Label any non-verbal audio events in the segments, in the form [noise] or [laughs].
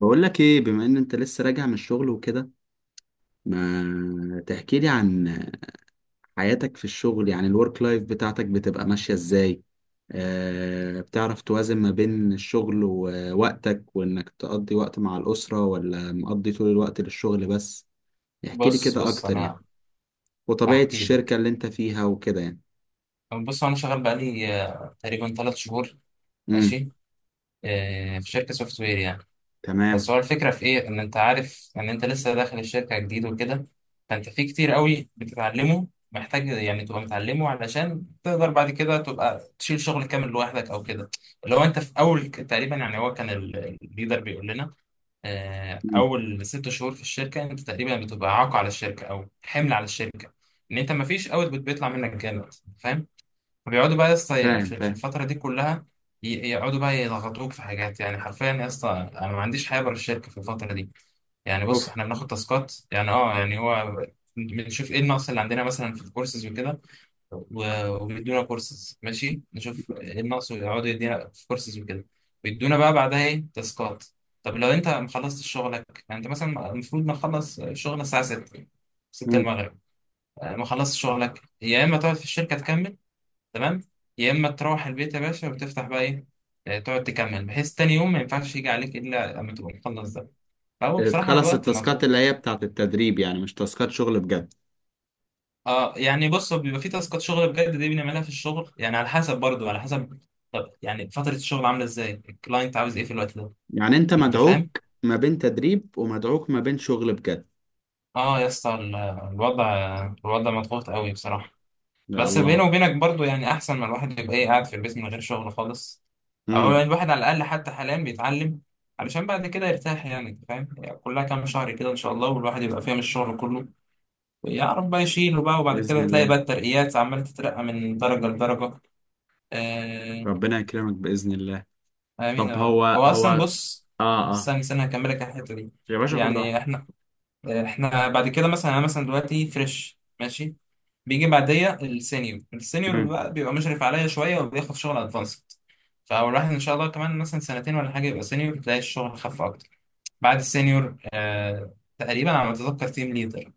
بقول لك ايه، بما ان انت لسه راجع من الشغل وكده، ما تحكي لي عن حياتك في الشغل؟ يعني الورك لايف بتاعتك بتبقى ماشية ازاي؟ بتعرف توازن ما بين الشغل ووقتك وانك تقضي وقت مع الأسرة ولا مقضي طول الوقت للشغل بس؟ احكي لي بص كده بص اكتر يعني، انا وطبيعة هحكي الشركة لك. اللي انت فيها وكده يعني. بص انا شغال بقالي تقريبا ثلاث شهور. امم. ماشي. في شركه سوفت وير يعني. بس تمام. هو الفكره في ايه، ان انت عارف ان انت لسه داخل الشركه جديد وكده، فانت في كتير قوي بتتعلمه محتاج يعني تبقى متعلمه علشان تقدر بعد كده تبقى تشيل شغل كامل لوحدك او كده. لو انت في اول تقريبا يعني، هو كان الليدر بيقول لنا مم. اول ست شهور في الشركه انت تقريبا بتبقى عاق على الشركه او حمل على الشركه، ان انت ما فيش اوت بيطلع منك جامد. فاهم؟ فبيقعدوا بقى يا اسطى فاهم، في فاهم. الفتره دي كلها، يقعدوا بقى يضغطوك في حاجات، يعني حرفيا يا اسطى انا ما عنديش حياه بره الشركه في الفتره دي. يعني اوف. بص، احنا بناخد تاسكات، يعني اه يعني هو بنشوف ايه النقص اللي عندنا مثلا في الكورسز وكده، وبيدونا كورسز، ماشي، نشوف ايه الناقص، ويقعدوا يدينا في كورسز وكده، ويدونا بقى بعدها ايه تاسكات. طب لو انت ما خلصتش شغلك، يعني انت مثلا المفروض ما تخلص شغل الساعه 6، 6 مم. المغرب، ما خلصتش شغلك، يا اما تقعد في الشركه تكمل، تمام، يا اما تروح البيت يا باشا وتفتح بقى ايه، تقعد تكمل، بحيث تاني يوم ما ينفعش يجي عليك الا لما تبقى مخلص ده. فهو بصراحه تخلص الوقت التاسكات اللي مضغوط. هي بتاعت التدريب؟ يعني مش تاسكات شغل بجد. اه يعني بص، بيبقى في تاسكات شغل بجد دي بنعملها في الشغل، يعني على حسب، برضو على حسب، طب يعني فترة الشغل عاملة ازاي، الكلاينت عاوز ايه في الوقت ده. يعني انت انت فاهم؟ مدعوك ما بين تدريب ومدعوك ما بين شغل بجد؟ اه يا اسطى، الوضع، الوضع مضغوط قوي بصراحة. يا بس بيني الله. وبينك برضو، يعني احسن ما الواحد يبقى ايه قاعد في البيت من غير شغل خالص، او يعني امم. الواحد على الاقل حتى حاليا بيتعلم، علشان بعد كده يرتاح. يعني انت فاهم، يعني كلها كام شهر كده ان شاء الله والواحد يبقى فاهم الشغل كله، ويعرف بقى يشيله بقى، وبعد باذن كده تلاقي بقى الله. الترقيات عمالة تترقى من درجة لدرجة. آه، ربنا يكرمك باذن الله. امين يا طب، رب. هو هو هو. اصلا بص، اه، اه. استنى استنى هكملك على الحته دي. يا باشا، خد يعني راحتك. احنا، احنا بعد كده مثلا، انا مثلا دلوقتي فريش ماشي، بيجي بعديا السينيور، السينيور امم، بقى بيبقى مشرف عليا شويه وبياخد شغل ادفانسد. فالواحد ان شاء الله كمان مثلا سنتين ولا حاجه يبقى سينيور، تلاقي الشغل خف اكتر. بعد السينيور آه تقريبا على ما اتذكر تيم ليدر.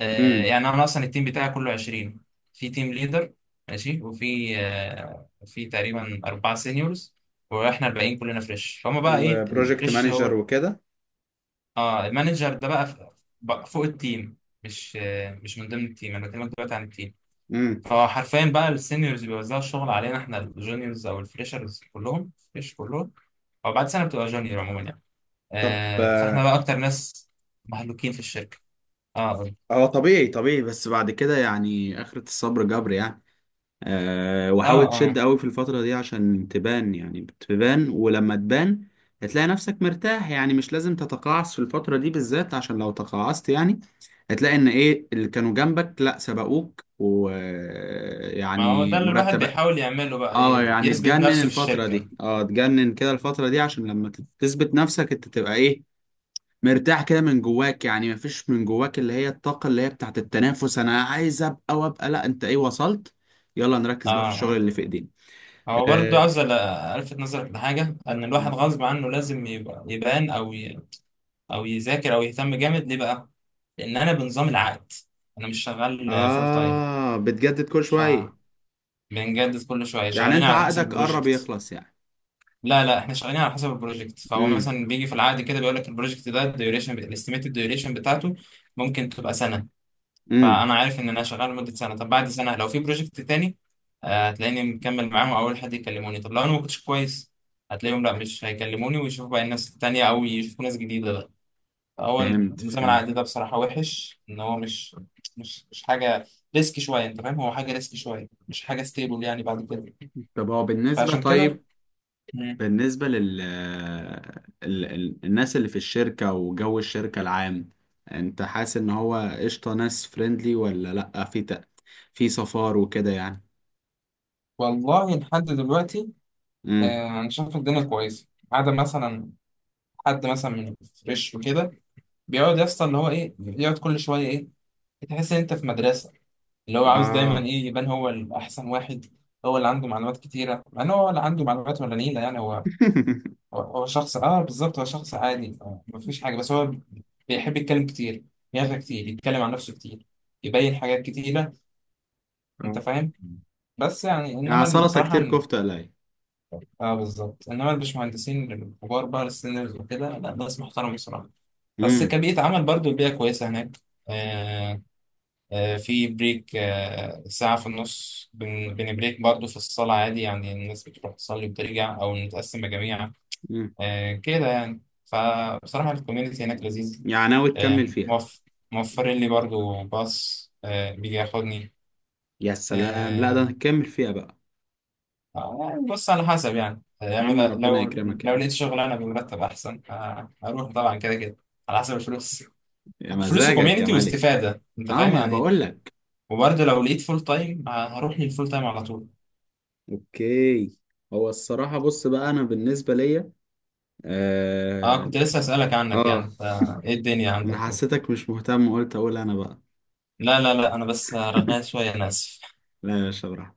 امم. يعني انا اصلا التيم بتاعي كله 20، في تيم ليدر ماشي، وفي في تقريبا اربعه سينيورز، واحنا الباقيين كلنا فريش. فهم بقى ايه؟ وبروجكت فريش. مانجر هو وكده. اه المانجر ده بقى بقى فوق التيم، مش مش من ضمن التيم، انا بكلمك دلوقتي عن التيم. امم. فحرفيا بقى السينيورز بيوزعوا الشغل علينا احنا الجونيورز، او الفريشرز، كلهم فريش كلهم، او بعد سنه بتبقى جونيور عموما يعني. طب. فاحنا آه. بقى اكتر ناس مهلوكين في الشركه. اه هو طبيعي، طبيعي، بس بعد كده يعني اخرة الصبر جبر يعني. آه، وحاول اه تشد اه. قوي في الفترة دي عشان تبان، يعني بتبان، ولما تبان هتلاقي نفسك مرتاح، يعني مش لازم تتقاعس في الفترة دي بالذات، عشان لو تقاعست يعني هتلاقي ان ايه اللي كانوا جنبك لا سبقوك ما هو ده ويعني اللي الواحد مرتب. بيحاول يعمله بقى اه، ايه، يعني يثبت تجنن نفسه في الفترة الشركة. دي، اه تجنن كده الفترة دي عشان لما تثبت نفسك انت تبقى ايه مرتاح كده من جواك، يعني مفيش من جواك اللي هي الطاقة اللي هي بتاعت التنافس، انا عايز ابقى وابقى، لا انت ايه وصلت. يلا نركز بقى في الشغل اه اللي في ايدينا. هو برضه اه. عاوز الفت نظرك لحاجة، ان الواحد غصب عنه لازم يبقى يبان او ي... او يذاكر او يهتم جامد. ليه بقى؟ لان انا بنظام العقد، انا مش شغال فول تايم. بتجدد كل ف شوية. بنجدد كل شوية، يعني شغالين انت على حسب عقدك قرب البروجكت. يخلص يعني؟ لا لا، احنا شغالين على حسب البروجكت، فهو امم، مثلا بيجي في العقد كده بيقول لك البروجكت ده الديوريشن، الاستيميتد ديوريشن بتاعته ممكن تبقى سنة. امم. فانا عارف ان انا شغال لمده سنه، طب بعد سنه لو في بروجكت تاني، هتلاقيني مكمل معاهم او اول حد يكلموني، طب لو انا ما كنتش كويس، هتلاقيهم لا مش هيكلموني ويشوفوا بقى الناس التانية، او يشوفوا ناس جديده بقى. فهو فهمت، نظام فهمت. العقد ده بصراحه وحش، ان هو مش، مش حاجه، ريسك شويه، انت فاهم، هو حاجه ريسك شويه، مش حاجه ستيبل يعني بعد كده. طب هو بالنسبة فعشان كده، طيب مم. بالنسبة لل الناس اللي في الشركة وجو الشركة العام. انت حاسس ان هو قشطة، ناس فريندلي ولا لأ، في صفار وكده يعني؟ والله لحد دلوقتي، امم. انا شايف الدنيا كويسه، ما عدا مثلا حد مثلا من فريش وكده، بيقعد يسطا اللي هو ايه، يقعد كل شويه ايه، تحس ان انت في مدرسه، اللي هو عاوز دايما اه. ايه يبان هو الاحسن واحد، هو اللي عنده معلومات كتيره، مع ان هو اللي عنده معلومات ولا نيله. يعني هو، [laughs] هو شخص اه بالظبط، هو شخص عادي، مفيش حاجه، بس هو بيحب يتكلم كتير، يغرق كتير، يتكلم عن نفسه كتير، يبين حاجات كتيره. انت آه. فاهم؟ بس يعني يعني انما سلطة بصراحه، كتير كفتة قليل. اه بالظبط، انما الباشمهندسين الكبار بقى السينيورز وكده لا، ناس محترمه بصراحه. بس امم، كبيئة عمل برضو البيئة كويسة هناك. آه. في بريك، ساعة في النص، بنبريك برضه في الصلاة عادي يعني، الناس بتروح تصلي وبترجع، أو نتقسم مجاميع، امم. كده يعني، فبصراحة الكوميونتي هناك لذيذ. يعني ناوي تكمل آه، فيها؟ موف- موفرين لي برضه باص، بيجي ياخدني. يا سلام، لا ده آه، هتكمل فيها بقى. يعني بص على حسب، يعني يا يعني عم، ربنا لو، يكرمك يا لو عم. لقيت شغلانة بمرتب أحسن، هروح طبعا كده كده، على حسب الفلوس، يا فلوس مزاجك يا وكوميونتي ملك. واستفادة، أنت اه، فاهم ما يعني. بقول لك. وبرضه لو لقيت فول تايم هروح للفول تايم على طول. اوكي. هو الصراحة بص بقى، انا بالنسبة ليا، اه آه، كنت لسه اسالك عنك اه، يعني، ايه الدنيا انا عندك. حسيتك مش مهتم وقلت اقول انا بقى. لا لا لا، انا بس رغاية شويه، انا اسف. لا يا شبرا.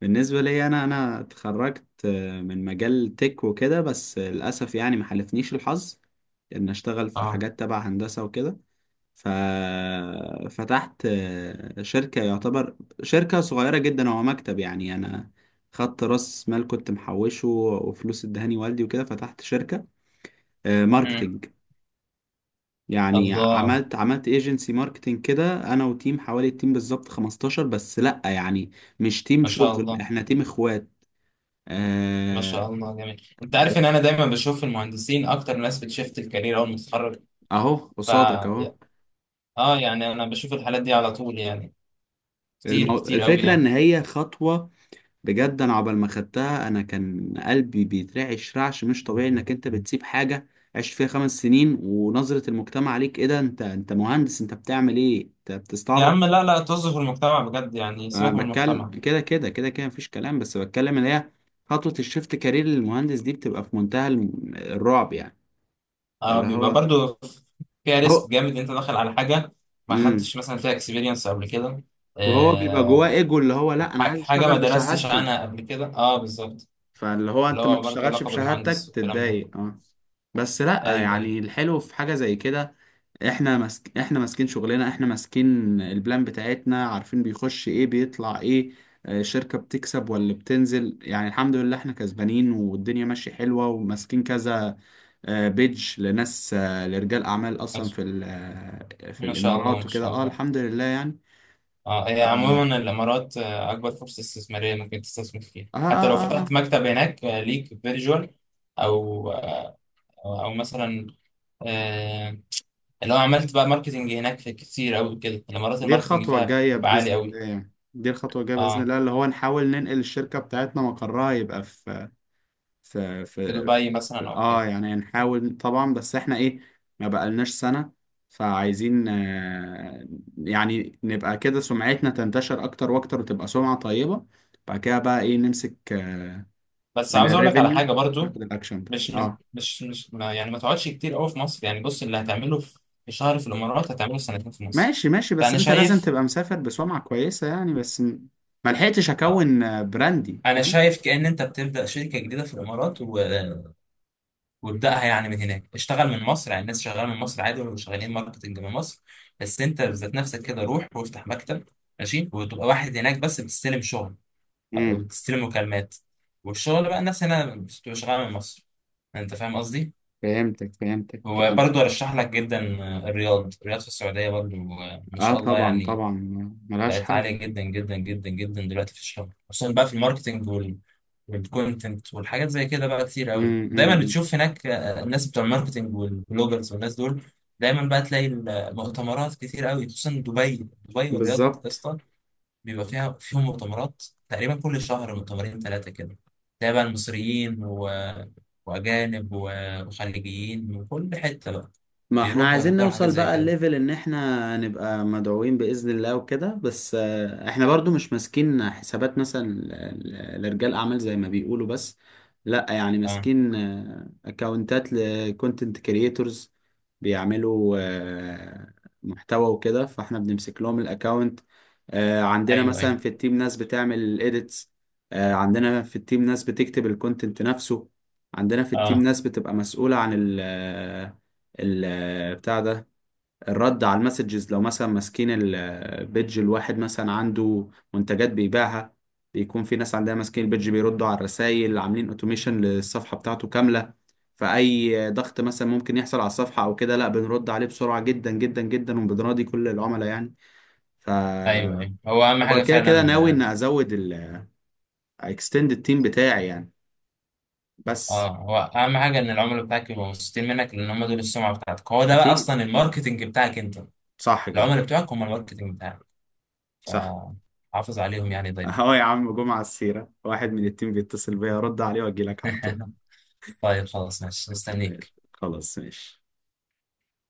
بالنسبه لي، انا اتخرجت من مجال تك وكده، بس للاسف يعني ما حالفنيش الحظ ان اشتغل في اه. حاجات تبع هندسه وكده. ففتحت شركه، يعتبر شركه صغيره جدا، هو مكتب يعني. انا خدت راس مال كنت محوشه وفلوس ادهاني والدي وكده، فتحت شركه مم. ماركتينج. يعني الله، عملت ايجنسي ماركتنج كده انا وتيم، حوالي التيم بالظبط 15، بس لا يعني مش تيم ما شاء شغل، الله. احنا تيم اخوات. ما آه. شاء الله جميل. انت عارف ان ب- انا دايما بشوف المهندسين اكتر ناس بتشفت الكارير اول ما تتخرج. اهو ف قصادك اهو. اه يعني انا بشوف الحالات دي على طول يعني، كتير كتير قوي الفكرة يعني. ان هي خطوة بجد. انا عقبال ما خدتها انا كان قلبي بيترعش رعش مش طبيعي، انك انت بتسيب حاجة عشت فيها خمس سنين، ونظرة المجتمع عليك ايه، ده انت مهندس انت بتعمل ايه، انت يا بتستعبط؟ عم لا لا، توظف المجتمع بجد، يعني انا سيبك من بتكلم المجتمع. كده كده كده كده مفيش كلام، بس بتكلم اللي هي خطوة الشيفت كارير للمهندس دي بتبقى في منتهى الرعب يعني. اه اللي بيبقى هو، برضو فيها هو. ريسك جامد، انت داخل على حاجه ما امم. خدتش مثلا فيها اكسبيرينس قبل كده، وهو بيبقى جواه آه، ايجو اللي هو، لا انا عايز حاجة اشتغل ما درستش بشهادتي. عنها قبل كده، اه بالظبط. فاللي هو اللي انت ما هو برضه تشتغلش لقب بشهادتك المهندس والكلام ده، تتضايق، اه. بس لا ايوه ايوه. يعني الحلو في حاجة زي كده. احنا ماسكين شغلنا، احنا ماسكين البلان بتاعتنا، عارفين بيخش ايه بيطلع ايه. شركة بتكسب ولا بتنزل، يعني الحمد لله احنا كسبانين والدنيا ماشية حلوة وماسكين كذا. بيج لناس، لرجال اعمال اصلا ماشي. في في ما شاء الله الامارات ما وكده، شاء الله. الحمد لله يعني. اه هي اه، عموما الامارات اكبر فرصة استثمارية ممكن تستثمر فيها، اه، حتى لو اه، اه. فتحت مكتب هناك ليك فيرجوال، او او مثلا، آه، اللي هو عملت بقى ماركتنج هناك، في كتير قوي كده، الامارات دي الماركتنج الخطوة فيها الجاية بيبقى عالي بإذن قوي. الله، يعني دي الخطوة الجاية بإذن اه الله، اللي هو نحاول ننقل الشركة بتاعتنا مقرها يبقى في، ف ف في دبي مثلا او حاجة. يعني نحاول طبعا، بس احنا ايه، ما بقالناش سنة. فعايزين، يعني نبقى كده سمعتنا تنتشر اكتر واكتر وتبقى سمعة طيبة. بعد كده بقى ايه نمسك بس من عاوز اقول لك على الريفينيو حاجة برضو، ناخد الاكشن ده، مش اه. مش ما يعني، ما تقعدش كتير قوي في مصر يعني، بص اللي هتعمله في في شهر في الامارات هتعمله في سنتين في مصر. ماشي، ماشي، بس فانا انت لازم شايف، تبقى مسافر بسمعة كويسة يعني، بس ما لحقتش آه. اكون براندي، انا فاهم. شايف كأن انت بتبدأ شركة جديدة في الامارات، و... وابدأها يعني من هناك، اشتغل من مصر، يعني الناس شغاله من مصر عادي، ولا شغالين ماركتنج من مصر. بس انت ذات نفسك كده روح وافتح مكتب، ماشي، وتبقى واحد هناك بس بتستلم شغل، او امم. بتستلم مكالمات، والشغل بقى الناس هنا بتبقى شغاله من مصر. انت فاهم قصدي؟ فهمتك، فهمتك يعني. وبرضه ارشح لك جدا الرياض، الرياض في السعوديه برضه، ما اه، شاء الله طبعا يعني، طبعا، ملهاش بقت حل. عاليه جدا جدا جدا جدا دلوقتي في الشغل، خصوصا بقى في الماركتنج وال، والكونتنت والحاجات زي كده، بقى كتير قوي دايما امم. بتشوف هناك الناس بتوع الماركتنج والبلوجرز والناس دول. دايما بقى تلاقي المؤتمرات كتير قوي، خصوصا دبي، دبي والرياض بالظبط. اصلا بيبقى فيها فيهم مؤتمرات، تقريبا كل شهر مؤتمرين ثلاثه كده، تلاقي بقى المصريين، و... واجانب، وخليجيين من كل حته بقى، ما احنا بيروحوا عايزين ويحضروا حاجات نوصل زي بقى كده. الليفل ان احنا نبقى مدعوين بإذن الله وكده، بس احنا برضو مش ماسكين حسابات مثلا لرجال اعمال زي ما بيقولوا، بس لا يعني اه ماسكين اكونتات لكونتنت كرييتورز بيعملوا محتوى وكده، فاحنا بنمسك لهم الاكونت. عندنا ايوه مثلا ايوه. في التيم ناس بتعمل الايديتس، عندنا في التيم ناس بتكتب الكونتنت نفسه، عندنا في التيم اه ناس بتبقى مسؤولة عن البتاع ده، الرد على المسجز لو مثلا ماسكين البيدج. الواحد مثلا عنده منتجات بيبيعها، بيكون في ناس عندها ماسكين البيدج بيردوا على الرسائل، عاملين اوتوميشن للصفحة بتاعته كاملة، فأي ضغط مثلا ممكن يحصل على الصفحة أو كده، لا بنرد عليه بسرعة جدا جدا جدا وبنراضي كل العملاء يعني. ف ايوه ايوه. هو اهم حاجه وكده كده فعلا. ناوي إن أزود ال extend التيم بتاعي يعني، بس اه هو اهم حاجه ان العملاء بتاعك يبقوا مبسوطين منك، لان هم دول السمعه بتاعتك، هو ده بقى أكيد. اصلا الماركتنج بتاعك انت، صح كده، العملاء بتوعك هم الماركتنج بتاعك، صح. فحافظ عليهم يعني دايما. اه يا عم، جمعة السيرة، واحد من التيم بيتصل بيا، رد عليه واجي لك على طول. [laughs] طيب خلاص ماشي مستنيك. ماشي. خلاص، ماشي.